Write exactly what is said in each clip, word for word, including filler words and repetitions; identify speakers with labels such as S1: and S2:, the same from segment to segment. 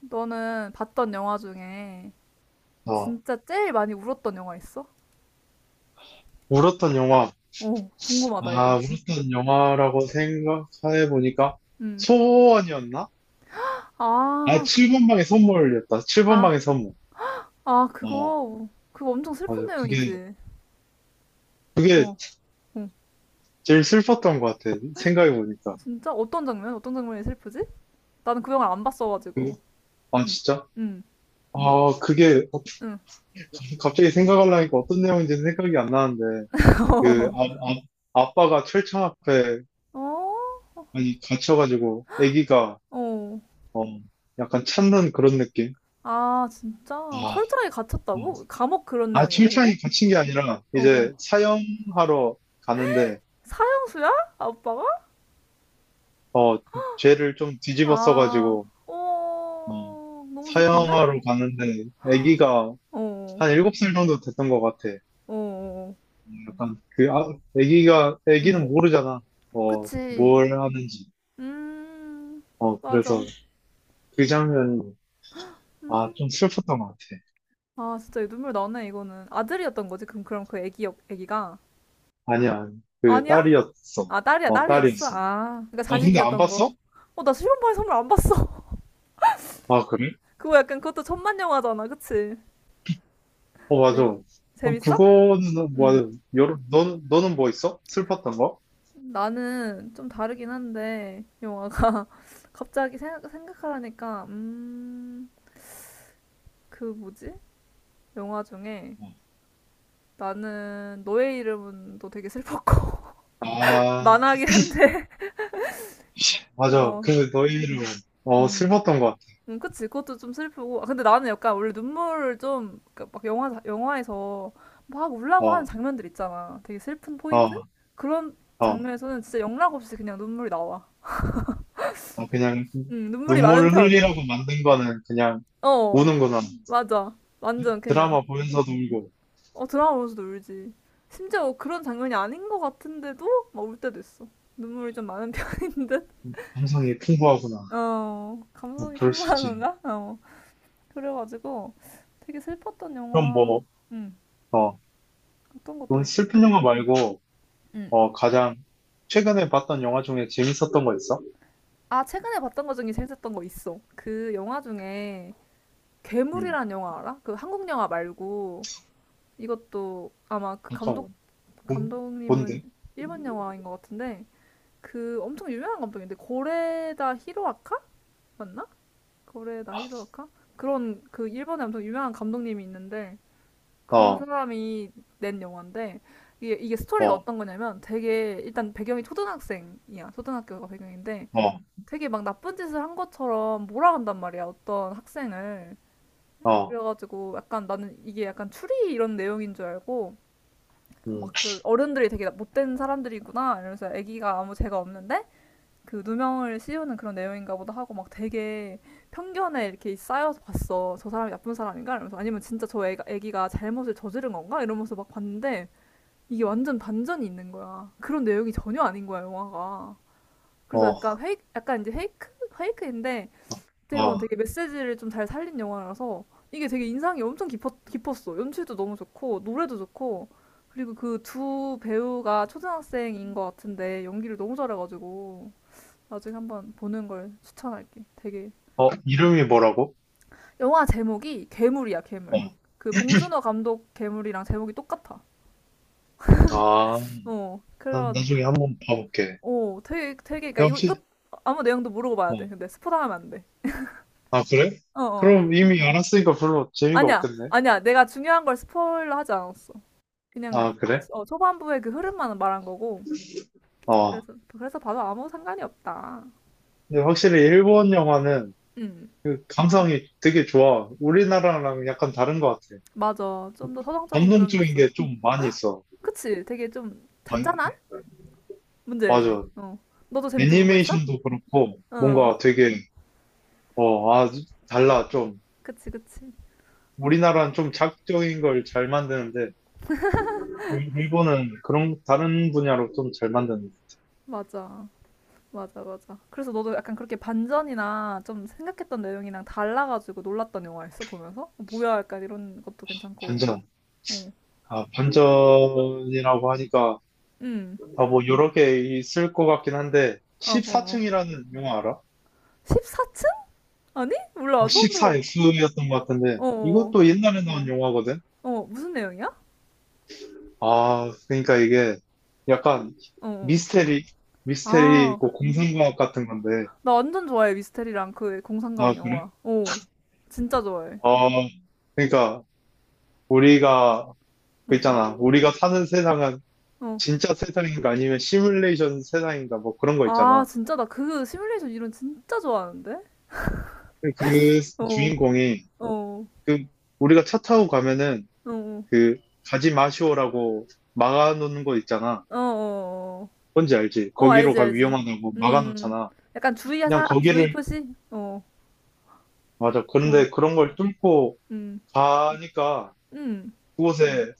S1: 너는 봤던 영화 중에
S2: 어,
S1: 진짜 제일 많이 울었던 영화 있어?
S2: 울었던 영화.
S1: 어, 궁금하다,
S2: 아,
S1: 이거.
S2: 울었던 영화라고 생각해 보니까
S1: 응.
S2: 소원이었나? 아,
S1: 아, 그,
S2: 칠 번방의 선물이었다.
S1: 아,
S2: 칠 번방의 선물.
S1: 아,
S2: 어,
S1: 그거, 그거 엄청 슬픈
S2: 맞아. 그게,
S1: 내용이지.
S2: 그게
S1: 어, 어.
S2: 제일 슬펐던 것 같아. 생각해 보니까.
S1: 진짜? 어떤 장면? 어떤 장면이 슬프지? 나는 그 영화를 안
S2: 그,
S1: 봤어가지고.
S2: 아,
S1: 응,
S2: 진짜?
S1: 응,
S2: 아, 그게
S1: 응.
S2: 갑자기 생각하려니까 어떤 내용인지는 생각이 안 나는데, 그, 아, 아, 아빠가 철창 앞에
S1: 어?
S2: 많이 갇혀가지고, 아기가,
S1: 어.
S2: 어, 약간 찾는 그런 느낌?
S1: 아, 진짜?
S2: 아,
S1: 철저하게
S2: 어,
S1: 갇혔다고? 감옥 그런
S2: 아,
S1: 내용인가, 그게?
S2: 칭찬이 갇힌 게 아니라,
S1: 어, 어.
S2: 이제 사형하러 가는데,
S1: 사형수야? 아빠가?
S2: 어, 죄를 좀 뒤집어
S1: 아,
S2: 써가지고, 어,
S1: 어, 너무 슬픈데?
S2: 사형하러 가는데, 아기가
S1: 어.
S2: 한
S1: 어.
S2: 일곱 살 정도 됐던 것 같아. 어,
S1: 어, 어.
S2: 약간, 그, 아, 아기가,
S1: 응.
S2: 아기는 모르잖아. 어,
S1: 그치.
S2: 뭘 하는지.
S1: 음,
S2: 어, 그래서
S1: 맞아.
S2: 그 장면이, 아, 좀 슬펐던 것 같아.
S1: 아, 진짜 눈물 나네, 이거는. 아들이었던 거지? 그럼, 그럼 그 애기, 역- 애기가?
S2: 아니야, 그
S1: 아니야?
S2: 딸이었어.
S1: 아, 딸이야,
S2: 어,
S1: 딸이었어?
S2: 딸이었어.
S1: 아, 그러니까
S2: 어, 근데 안
S1: 자식이었던 거.
S2: 봤어?
S1: 어, 나 실험반에 선물 안 봤어.
S2: 아, 그래?
S1: 그거 약간 그것도 천만 영화잖아, 그치?
S2: 어, 맞아.
S1: 네.
S2: 그럼
S1: 재밌어?
S2: 그거는, 뭐,
S1: 응.
S2: 여러, 너는, 너는 뭐 있어? 슬펐던 거?
S1: 나는 좀 다르긴 한데, 영화가 갑자기 생각, 생각하라니까, 음, 그 뭐지? 영화 중에
S2: 어.
S1: 나는 너의 이름은도 되게 슬펐고.
S2: 아,
S1: 만화긴 한데.
S2: 맞아.
S1: 어.
S2: 그, 너희는, 어,
S1: 음.
S2: 슬펐던 것
S1: 음, 그치. 그것도 좀 슬프고. 아, 근데 나는 약간 원래 눈물을 좀, 그막 영화, 영화에서 막
S2: 같아.
S1: 울라고 하는
S2: 어,
S1: 장면들 있잖아. 되게 슬픈 포인트?
S2: 어,
S1: 그런
S2: 어.
S1: 장면에서는 진짜 영락 없이 그냥 눈물이 나와.
S2: 어, 그냥,
S1: 음, 눈물이 많은
S2: 눈물을
S1: 편.
S2: 흘리라고 만든 거는 그냥
S1: 어,
S2: 우는구나.
S1: 맞아. 완전 그냥.
S2: 드라마 보면서도 울고,
S1: 어, 드라마 보면서도 울지. 심지어 그런 장면이 아닌 것 같은데도 막 울 때도 있어. 눈물이 좀 많은 편인 듯?
S2: 감성이 풍부하구나.
S1: 어,
S2: 어,
S1: 감성이
S2: 그럴 수
S1: 풍부한
S2: 있지.
S1: 건가? 어. 그래가지고 되게 슬펐던
S2: 그럼
S1: 영화,
S2: 뭐,
S1: 음,
S2: 어,
S1: 어떤 것도
S2: 그럼
S1: 있,
S2: 슬픈 영화 말고,
S1: 음.
S2: 어, 가장, 최근에 봤던 영화 중에 재밌었던 거 있어?
S1: 아, 최근에 봤던 것 중에 재밌었던 거 있어. 그 영화 중에
S2: 음,
S1: 괴물이란 영화 알아? 그 한국 영화 말고 이것도 아마 그 감독
S2: 잠깐만. 뭔,
S1: 감독님은
S2: 뭔데?
S1: 일본 영화인 것 같은데 그 엄청 유명한 감독인데 고레다 히로아카 맞나? 고레다 히로아카 그런 그 일본에 엄청 유명한 감독님이 있는데 그
S2: 어,
S1: 사람이 낸 영화인데 이게, 이게 스토리가
S2: 어,
S1: 어떤 거냐면 되게 일단 배경이 초등학생이야. 초등학교가 배경인데
S2: 어,
S1: 되게 막 나쁜 짓을 한 것처럼 몰아간단 말이야. 어떤 학생을.
S2: 어.
S1: 그래가지고 약간 나는 이게 약간 추리 이런 내용인 줄 알고
S2: 음,
S1: 막 그 어른들이 되게 못된 사람들이구나 이러면서 아기가 아무 죄가 없는데 그 누명을 씌우는 그런 내용인가 보다 하고 막 되게 편견에 이렇게 쌓여서 봤어. 저 사람이 나쁜 사람인가? 이러면서 아니면 진짜 저 애가, 애기가 잘못을 저지른 건가? 이러면서 막 봤는데 이게 완전 반전이 있는 거야. 그런 내용이 전혀 아닌 거야, 영화가. 그래서
S2: 어,
S1: 약간 페이크, 약간 이제 페이크? 페이크인데, 어떻게 보면
S2: 어,
S1: 되게 메시지를 좀 잘 살린 영화라서, 이게 되게 인상이 엄청 깊었, 깊었어. 연출도 너무 좋고, 노래도 좋고, 그리고 그 두 배우가 초등학생인 것 같은데, 연기를 너무 잘해가지고, 나중에 한번 보는 걸 추천할게. 되게.
S2: 어, 이름이 뭐라고?
S1: 영화 제목이 괴물이야, 괴물.
S2: 어,
S1: 그 봉준호 감독 괴물이랑 제목이 똑같아.
S2: 아,
S1: 어,
S2: 나,
S1: 그래,
S2: 나중에 한번 봐볼게.
S1: 어, 되게, 되게, 그러니까 이거,
S2: 역시,
S1: 이거 아무 내용도 모르고 봐야
S2: 어,
S1: 돼. 근데 스포 당하면 안 돼.
S2: 아, 그래?
S1: 어,
S2: 그럼
S1: 어.
S2: 이미 알았으니까 별로 재미가
S1: 아니야,
S2: 없겠네.
S1: 아니야. 내가 중요한 걸 스포일러 하지 않았어. 그냥,
S2: 아,
S1: 그,
S2: 그래?
S1: 어, 초반부의 그 흐름만 말한 거고.
S2: 어,
S1: 그래서, 그래서 봐도 아무 상관이 없다.
S2: 근데 확실히 일본 영화는
S1: 음,
S2: 그 감성이 되게 좋아. 우리나라랑 약간 다른 것 같아.
S1: 맞아. 좀 더 서정적인 그런 게
S2: 감동적인
S1: 있어.
S2: 게 좀 많이 있어.
S1: 그치? 되게 좀
S2: 아,
S1: 잔잔한? 문제지.
S2: 맞아.
S1: 어. 너도 재밌게 본 거 있어?
S2: 애니메이션도 그렇고,
S1: 어,
S2: 뭔가 되게, 어, 아, 달라, 좀.
S1: 그치, 그치.
S2: 우리나라는 좀 자극적인 걸 잘 만드는데, 일- 일본은 그런 다른 분야로 좀 잘 만드는.
S1: 맞아. 맞아, 맞아. 그래서 너도 약간 그렇게 반전이나 좀 생각했던 내용이랑 달라가지고 놀랐던 영화였어, 보면서? 어, 뭐야, 약간 이런 것도 괜찮고.
S2: 반전.
S1: 어,
S2: 아, 반전이라고 하니까
S1: 음.
S2: 아, 뭐 여러 개 있을 것 같긴 한데
S1: 어, 어, 어.
S2: 십사 층이라는 영화 알아?
S1: 십사 층? 아니?
S2: 아,
S1: 몰라, 처음 들어.
S2: 십사 엑스였던 것 같은데
S1: 어,
S2: 이것도
S1: 어,
S2: 옛날에 나온 영화거든.
S1: 어, 무슨 내용이야?
S2: 아, 그러니까 이게 약간
S1: 어, 어.
S2: 미스테리, 미스테리
S1: 아,
S2: 있고 공상과학 같은 건데.
S1: 나 완전 좋아해, 미스테리랑 그
S2: 아,
S1: 공상과학
S2: 그래?
S1: 영화. 어, 진짜 좋아해.
S2: 어, 그러니까 우리가 그
S1: 응,
S2: 있잖아. 우리가 사는 세상은
S1: 어.
S2: 진짜 세상인가 아니면 시뮬레이션 세상인가 뭐 그런 거
S1: 아,
S2: 있잖아.
S1: 진짜 나 그 시뮬레이션 이론 진짜 좋아하는데?
S2: 그
S1: 어, 어,
S2: 주인공이
S1: 어,
S2: 그 우리가 차 타고 가면은
S1: 어,
S2: 그 가지 마시오라고 막아놓는 거 있잖아.
S1: 어, 어.
S2: 뭔지 알지?
S1: 어. 어,
S2: 거기로
S1: 알지,
S2: 가
S1: 알지.
S2: 위험하다고
S1: 음,
S2: 막아놓잖아.
S1: 약간
S2: 그냥
S1: 주의사, 주의
S2: 거기를
S1: 표시? 어,
S2: 맞아.
S1: 어,
S2: 그런데 그런 걸 뚫고
S1: 음,
S2: 가니까
S1: 음,
S2: 그곳에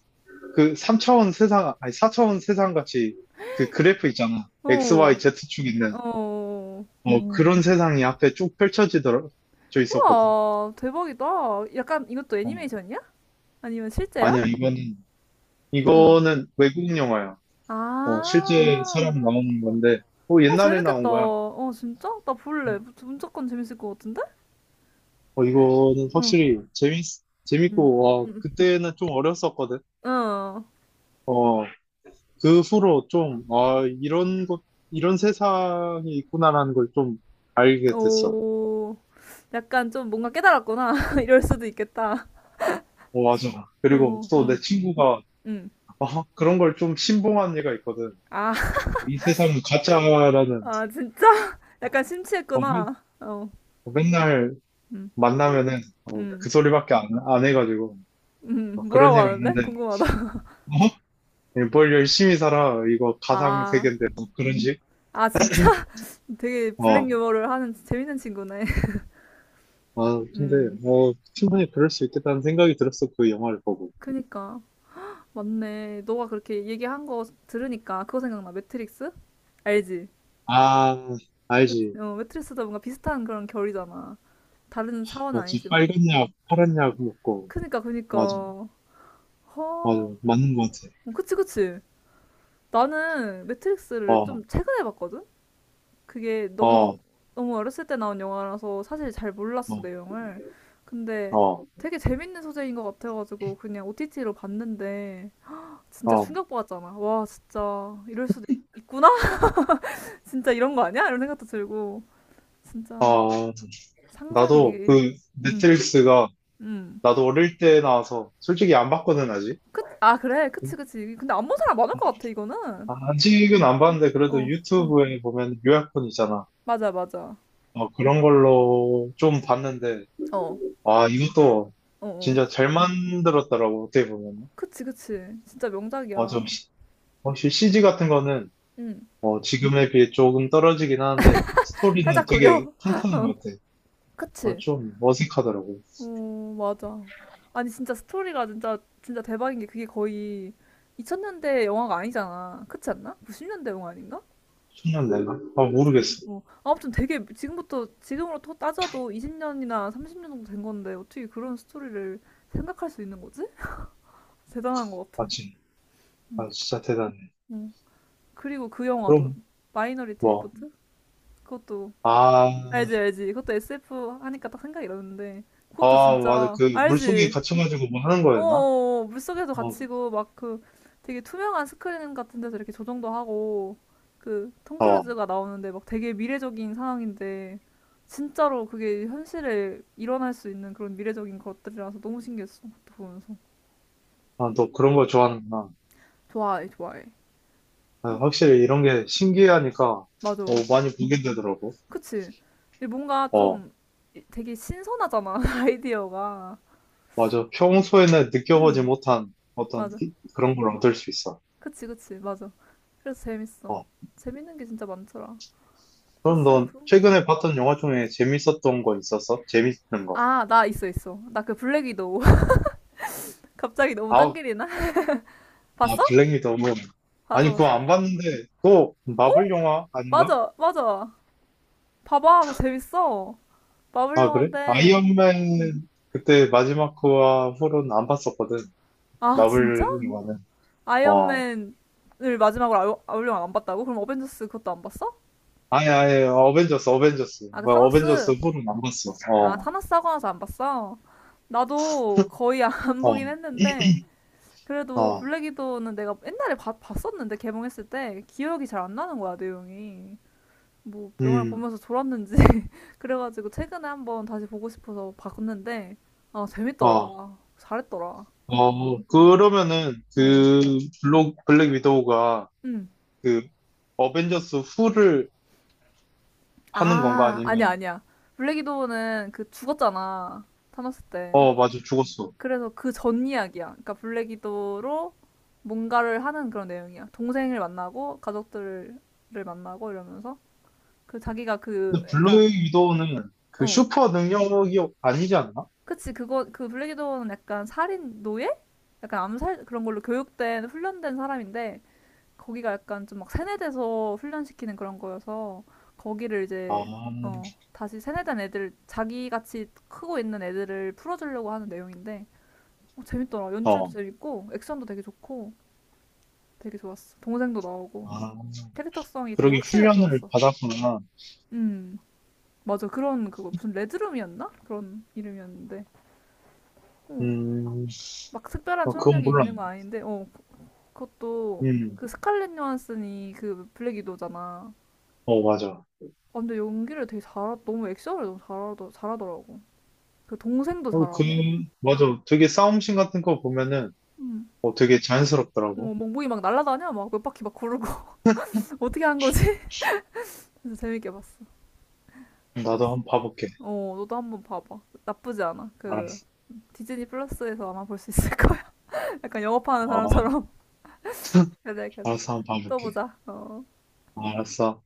S2: 그 삼 차원 세상 아니 사 차원 세상 같이 그 그래프 있잖아. X, Y,
S1: 어,
S2: Z 축 있는
S1: 어.
S2: 어 음. 그런 세상이 앞에 쭉 펼쳐지더라 져 있었거든.
S1: 우와, 대박이다. 약간 이것도
S2: 어,
S1: 애니메이션이야? 아니면 실제야?
S2: 아니야 이거는
S1: 어.
S2: 이거는 외국 영화야. 어, 실제
S1: 아,
S2: 사람 나오는 건데, 어,
S1: 어,
S2: 옛날에 나온
S1: 재밌겠다.
S2: 거야.
S1: 어, 진짜? 나 볼래. 무- 무조건 재밌을 것 같은데?
S2: 어, 이거는
S1: 어,
S2: 확실히 재밌,
S1: 음,
S2: 재밌고, 와,
S1: 음,
S2: 그때는 좀 어렸었거든.
S1: 어,
S2: 어, 그 후로 좀, 아, 이런 것, 이런 세상이 있구나라는 걸 좀 알게 됐어.
S1: 오. 약간 좀 뭔가 깨달았구나. 이럴 수도 있겠다.
S2: 어, 맞아. 그리고
S1: 어,
S2: 또 내
S1: 음,
S2: 친구가,
S1: 음.
S2: 어, 그런 걸 좀 신봉한 애가 있거든.
S1: 아,
S2: 이 세상은 가짜라는,
S1: 아, 진짜?
S2: 어,
S1: 약간
S2: 어, 맨-
S1: 심취했구나. 어,
S2: 맨날
S1: 음,
S2: 만나면은, 어,
S1: 음,
S2: 그 소리밖에 안, 안 해가지고, 어,
S1: 음,
S2: 그런
S1: 뭐라고
S2: 애가
S1: 하는데?
S2: 있는데,
S1: 궁금하다.
S2: 예, 뭘 열심히 살아. 이거 가상
S1: 아,
S2: 세계인데 뭐 그런 식?
S1: 아, 진짜? 되게 블랙
S2: 어.
S1: 유머를 하는 재밌는 친구네.
S2: 아, 근데
S1: 음,
S2: 뭐 충분히 그럴 수 있겠다는 생각이 들었어. 그 영화를 보고.
S1: 그니까. 맞네. 너가 그렇게 얘기한 거 들으니까 그거 생각나. 매트릭스? 알지?
S2: 아,
S1: 매-
S2: 알지.
S1: 어, 매트릭스도 뭔가 비슷한 그런 결이잖아. 다른 사원은
S2: 맞지.
S1: 아니지만.
S2: 빨간 약, 파란 약 먹고.
S1: 그니까,
S2: 맞아.
S1: 그니까.
S2: 맞아.
S1: 허,
S2: 맞는 것 같아.
S1: 어, 그치, 그치. 나는 매트릭스를
S2: 어,
S1: 좀 최근에 봤거든? 그게 너무
S2: 어,
S1: 너무 어렸을 때 나온 영화라서 사실 잘 몰랐어
S2: 어,
S1: 내용을. 근데
S2: 어,
S1: 되게 재밌는 소재인 것 같아가지고 그냥 오티티로 봤는데 진짜
S2: 어.
S1: 충격받았잖아. 와 진짜 이럴 수도 있, 있구나. 진짜 이런 거 아니야? 이런 생각도 들고 진짜
S2: 어,
S1: 상상이
S2: 나도
S1: 되게
S2: 그
S1: 음
S2: 넷플릭스가
S1: 음.
S2: 나도 어릴 때 나와서 솔직히 안 봤거든, 아직.
S1: 그, 아 그래 그치 그치. 근데 안 본 사람 많을 것 같아 이거는.
S2: 아, 아직은 안 봤는데 그래도
S1: 어 어.
S2: 유튜브에 보면 요약본 있잖아.
S1: 맞아 맞아.
S2: 어, 그런 걸로 좀 봤는데
S1: 어
S2: 아, 이것도
S1: 어
S2: 진짜
S1: 어.
S2: 잘 만들었더라고, 어떻게 보면.
S1: 그치 그치. 진짜
S2: 어, 좀,
S1: 명작이야.
S2: 시- 확실히 씨 지 같은 거는,
S1: 응
S2: 어, 지금에 비해 조금 떨어지긴 하는데,
S1: 살짝
S2: 스토리는
S1: 구려.
S2: 되게 탄탄한 것 같아. 어,
S1: 그치.
S2: 좀 어색하더라고.
S1: 어 맞아. 아니, 진짜 스토리가 진짜, 진짜 대박인 게 그게 거의 이천 년대 영화가 아니잖아. 그렇지 않나? 구십 년대 영화 아닌가?
S2: 청년 내가? 아,
S1: 이천 년,
S2: 모르겠어.
S1: 어. 아무튼 되게 지금부터, 지금으로 또 따져도 이십 년이나 삼십 년 정도 된 건데 어떻게 그런 스토리를 생각할 수 있는 거지? 대단한 것 같아.
S2: 마침.
S1: 응.
S2: 아, 진짜 대단해.
S1: 응. 그리고 그 영화도,
S2: 그럼,
S1: 마이너리티
S2: 뭐,
S1: 리포트? 그것도,
S2: 아,
S1: 알지, 알지. 그것도 에스에프 하니까 딱 생각이 나는데, 그것도
S2: 아, 맞아.
S1: 진짜,
S2: 그, 물속에
S1: 알지?
S2: 갇혀가지고 뭐 하는
S1: 어,
S2: 거였나?
S1: 어, 어, 물속에도
S2: 어,
S1: 갇히고 막 그 되게 투명한 스크린 같은 데서 이렇게 조정도 하고 그 톰
S2: 어.
S1: 크루즈가 나오는데 막 되게 미래적인 상황인데 진짜로 그게 현실에 일어날 수 있는 그런 미래적인 것들이라서 너무 신기했어. 그것도 보면서.
S2: 아, 너 그런 거 좋아하는구나.
S1: 좋아해, 좋아해.
S2: 아, 확실히 이런 게 신기하니까, 어,
S1: 맞아.
S2: 많이 보게 되더라고.
S1: 그치? 이게 뭔가
S2: 어,
S1: 좀 이- 되게 신선하잖아, 아이디어가.
S2: 맞아. 평소에는 느껴보지
S1: 응,
S2: 못한 어떤
S1: 맞아.
S2: 기- 그런 걸 얻을 수 있어.
S1: 그치, 그치, 맞아. 그래서 재밌어.
S2: 어.
S1: 재밌는 게 진짜 많더라.
S2: 그럼 넌
S1: 에스에프?
S2: 최근에 봤던 영화 중에 재밌었던 거 있었어? 재밌는 거.
S1: 아, 나 있어, 있어. 나 그 블랙 위도우. 갑자기 너무 딴
S2: 아,
S1: 길이나?
S2: 아,
S1: 봤어?
S2: 블랙 위도우.
S1: 봤어,
S2: 아니, 그거
S1: 봤어?
S2: 안 봤는데, 그거
S1: 어?
S2: 마블 영화 아닌가?
S1: 맞아, 맞아. 봐봐, 그거 재밌어. 마블
S2: 아, 그래?
S1: 영화인데.
S2: 아이언맨 그때 마지막 그와 후로는 안 봤었거든.
S1: 아, 진짜?
S2: 마블 영화는. 어.
S1: 아이언맨을 마지막으로 아이- 마블 영화 안 봤다고? 그럼 어벤져스 그것도 안 봤어?
S2: 아니, 아니, 어벤져스, 어벤져스.
S1: 아, 그
S2: 뭐, 어벤져스
S1: 타노스.
S2: 후로는 안 봤어.
S1: 아,
S2: 어,
S1: 타노스 하고 나서 안 봤어. 나도 거의 안 보긴
S2: 어,
S1: 했는데. 그래도
S2: 어,
S1: 블랙 위도우는 내가 옛날에 봤- 봤었는데, 개봉했을 때. 기억이 잘 안 나는 거야, 내용이. 뭐 영화를
S2: 음,
S1: 보면서 졸았는지 그래가지고 최근에 한번 다시 보고 싶어서 봤는데 아
S2: 어.
S1: 재밌더라 잘했더라
S2: 어, 그러면은
S1: 어.
S2: 그 블록, 블랙 위도우가
S1: 응.
S2: 그 어벤져스 후를 하는 건가?
S1: 아 아니야
S2: 아니면
S1: 아니야 블랙 위도우는 그 죽었잖아 타노스 때
S2: 어, 맞아, 죽었어.
S1: 그래서 그 전 이야기야 그러니까 블랙 위도우로 뭔가를 하는 그런 내용이야 동생을 만나고 가족들을 만나고 이러면서 그 자기가 그
S2: 근데
S1: 약간
S2: 블랙 위도우는 그
S1: 어
S2: 슈퍼 능력이 아니지 않나?
S1: 그치, 그거, 그 블랙이도어는 약간 살인 노예? 약간 암살 그런 걸로 교육된, 훈련된 사람인데, 거기가 약간 좀 막 세뇌돼서 훈련시키는 그런 거여서, 거기를
S2: 아,
S1: 이제, 어, 다시 세뇌된 애들, 자기같이 크고 있는 애들을 풀어주려고 하는 내용인데, 어, 재밌더라. 연출도
S2: 어,
S1: 재밌고, 액션도 되게 좋고, 되게 좋았어. 동생도 나오고,
S2: 아,
S1: 캐릭터성이 되게
S2: 그러게
S1: 확실해서
S2: 훈련을
S1: 좋았어.
S2: 받았구나.
S1: 음, 맞아. 그런, 그거, 무슨 레드룸이었나? 그런 이름이었는데, 어,
S2: 음,
S1: 막 특별한
S2: 어, 그건
S1: 초능력이 있는
S2: 몰랐네.
S1: 건 아닌데, 어, 그것도
S2: 음,
S1: 그 스칼렛 요한슨이 그 블랙 위도잖아.
S2: 어, 맞아.
S1: 아, 근데 연기를 되게 잘하, 너무 액션을 너무 잘하더, 잘하더라고. 그 동생도
S2: 어, 그,
S1: 잘하고.
S2: 맞아. 되게 싸움씬 같은 거 보면은
S1: 음.
S2: 어, 되게 자연스럽더라고.
S1: 뭐 몽둥이 막 날아다녀 막 몇 바퀴 막 구르고 어떻게 한 거지? 그래서 재밌게 봤어.
S2: 나도
S1: 역시.
S2: 한 번 봐볼게.
S1: 어, 너도 한번 봐봐. 나쁘지 않아. 그
S2: 알았어.
S1: 디즈니 플러스에서 아마 볼 수 있을 거야. 약간 영업하는
S2: 어,
S1: 사람처럼. 그래, 그래.
S2: 알았어, 한 번
S1: 또
S2: 봐볼게.
S1: 보자. 어.
S2: 알았어.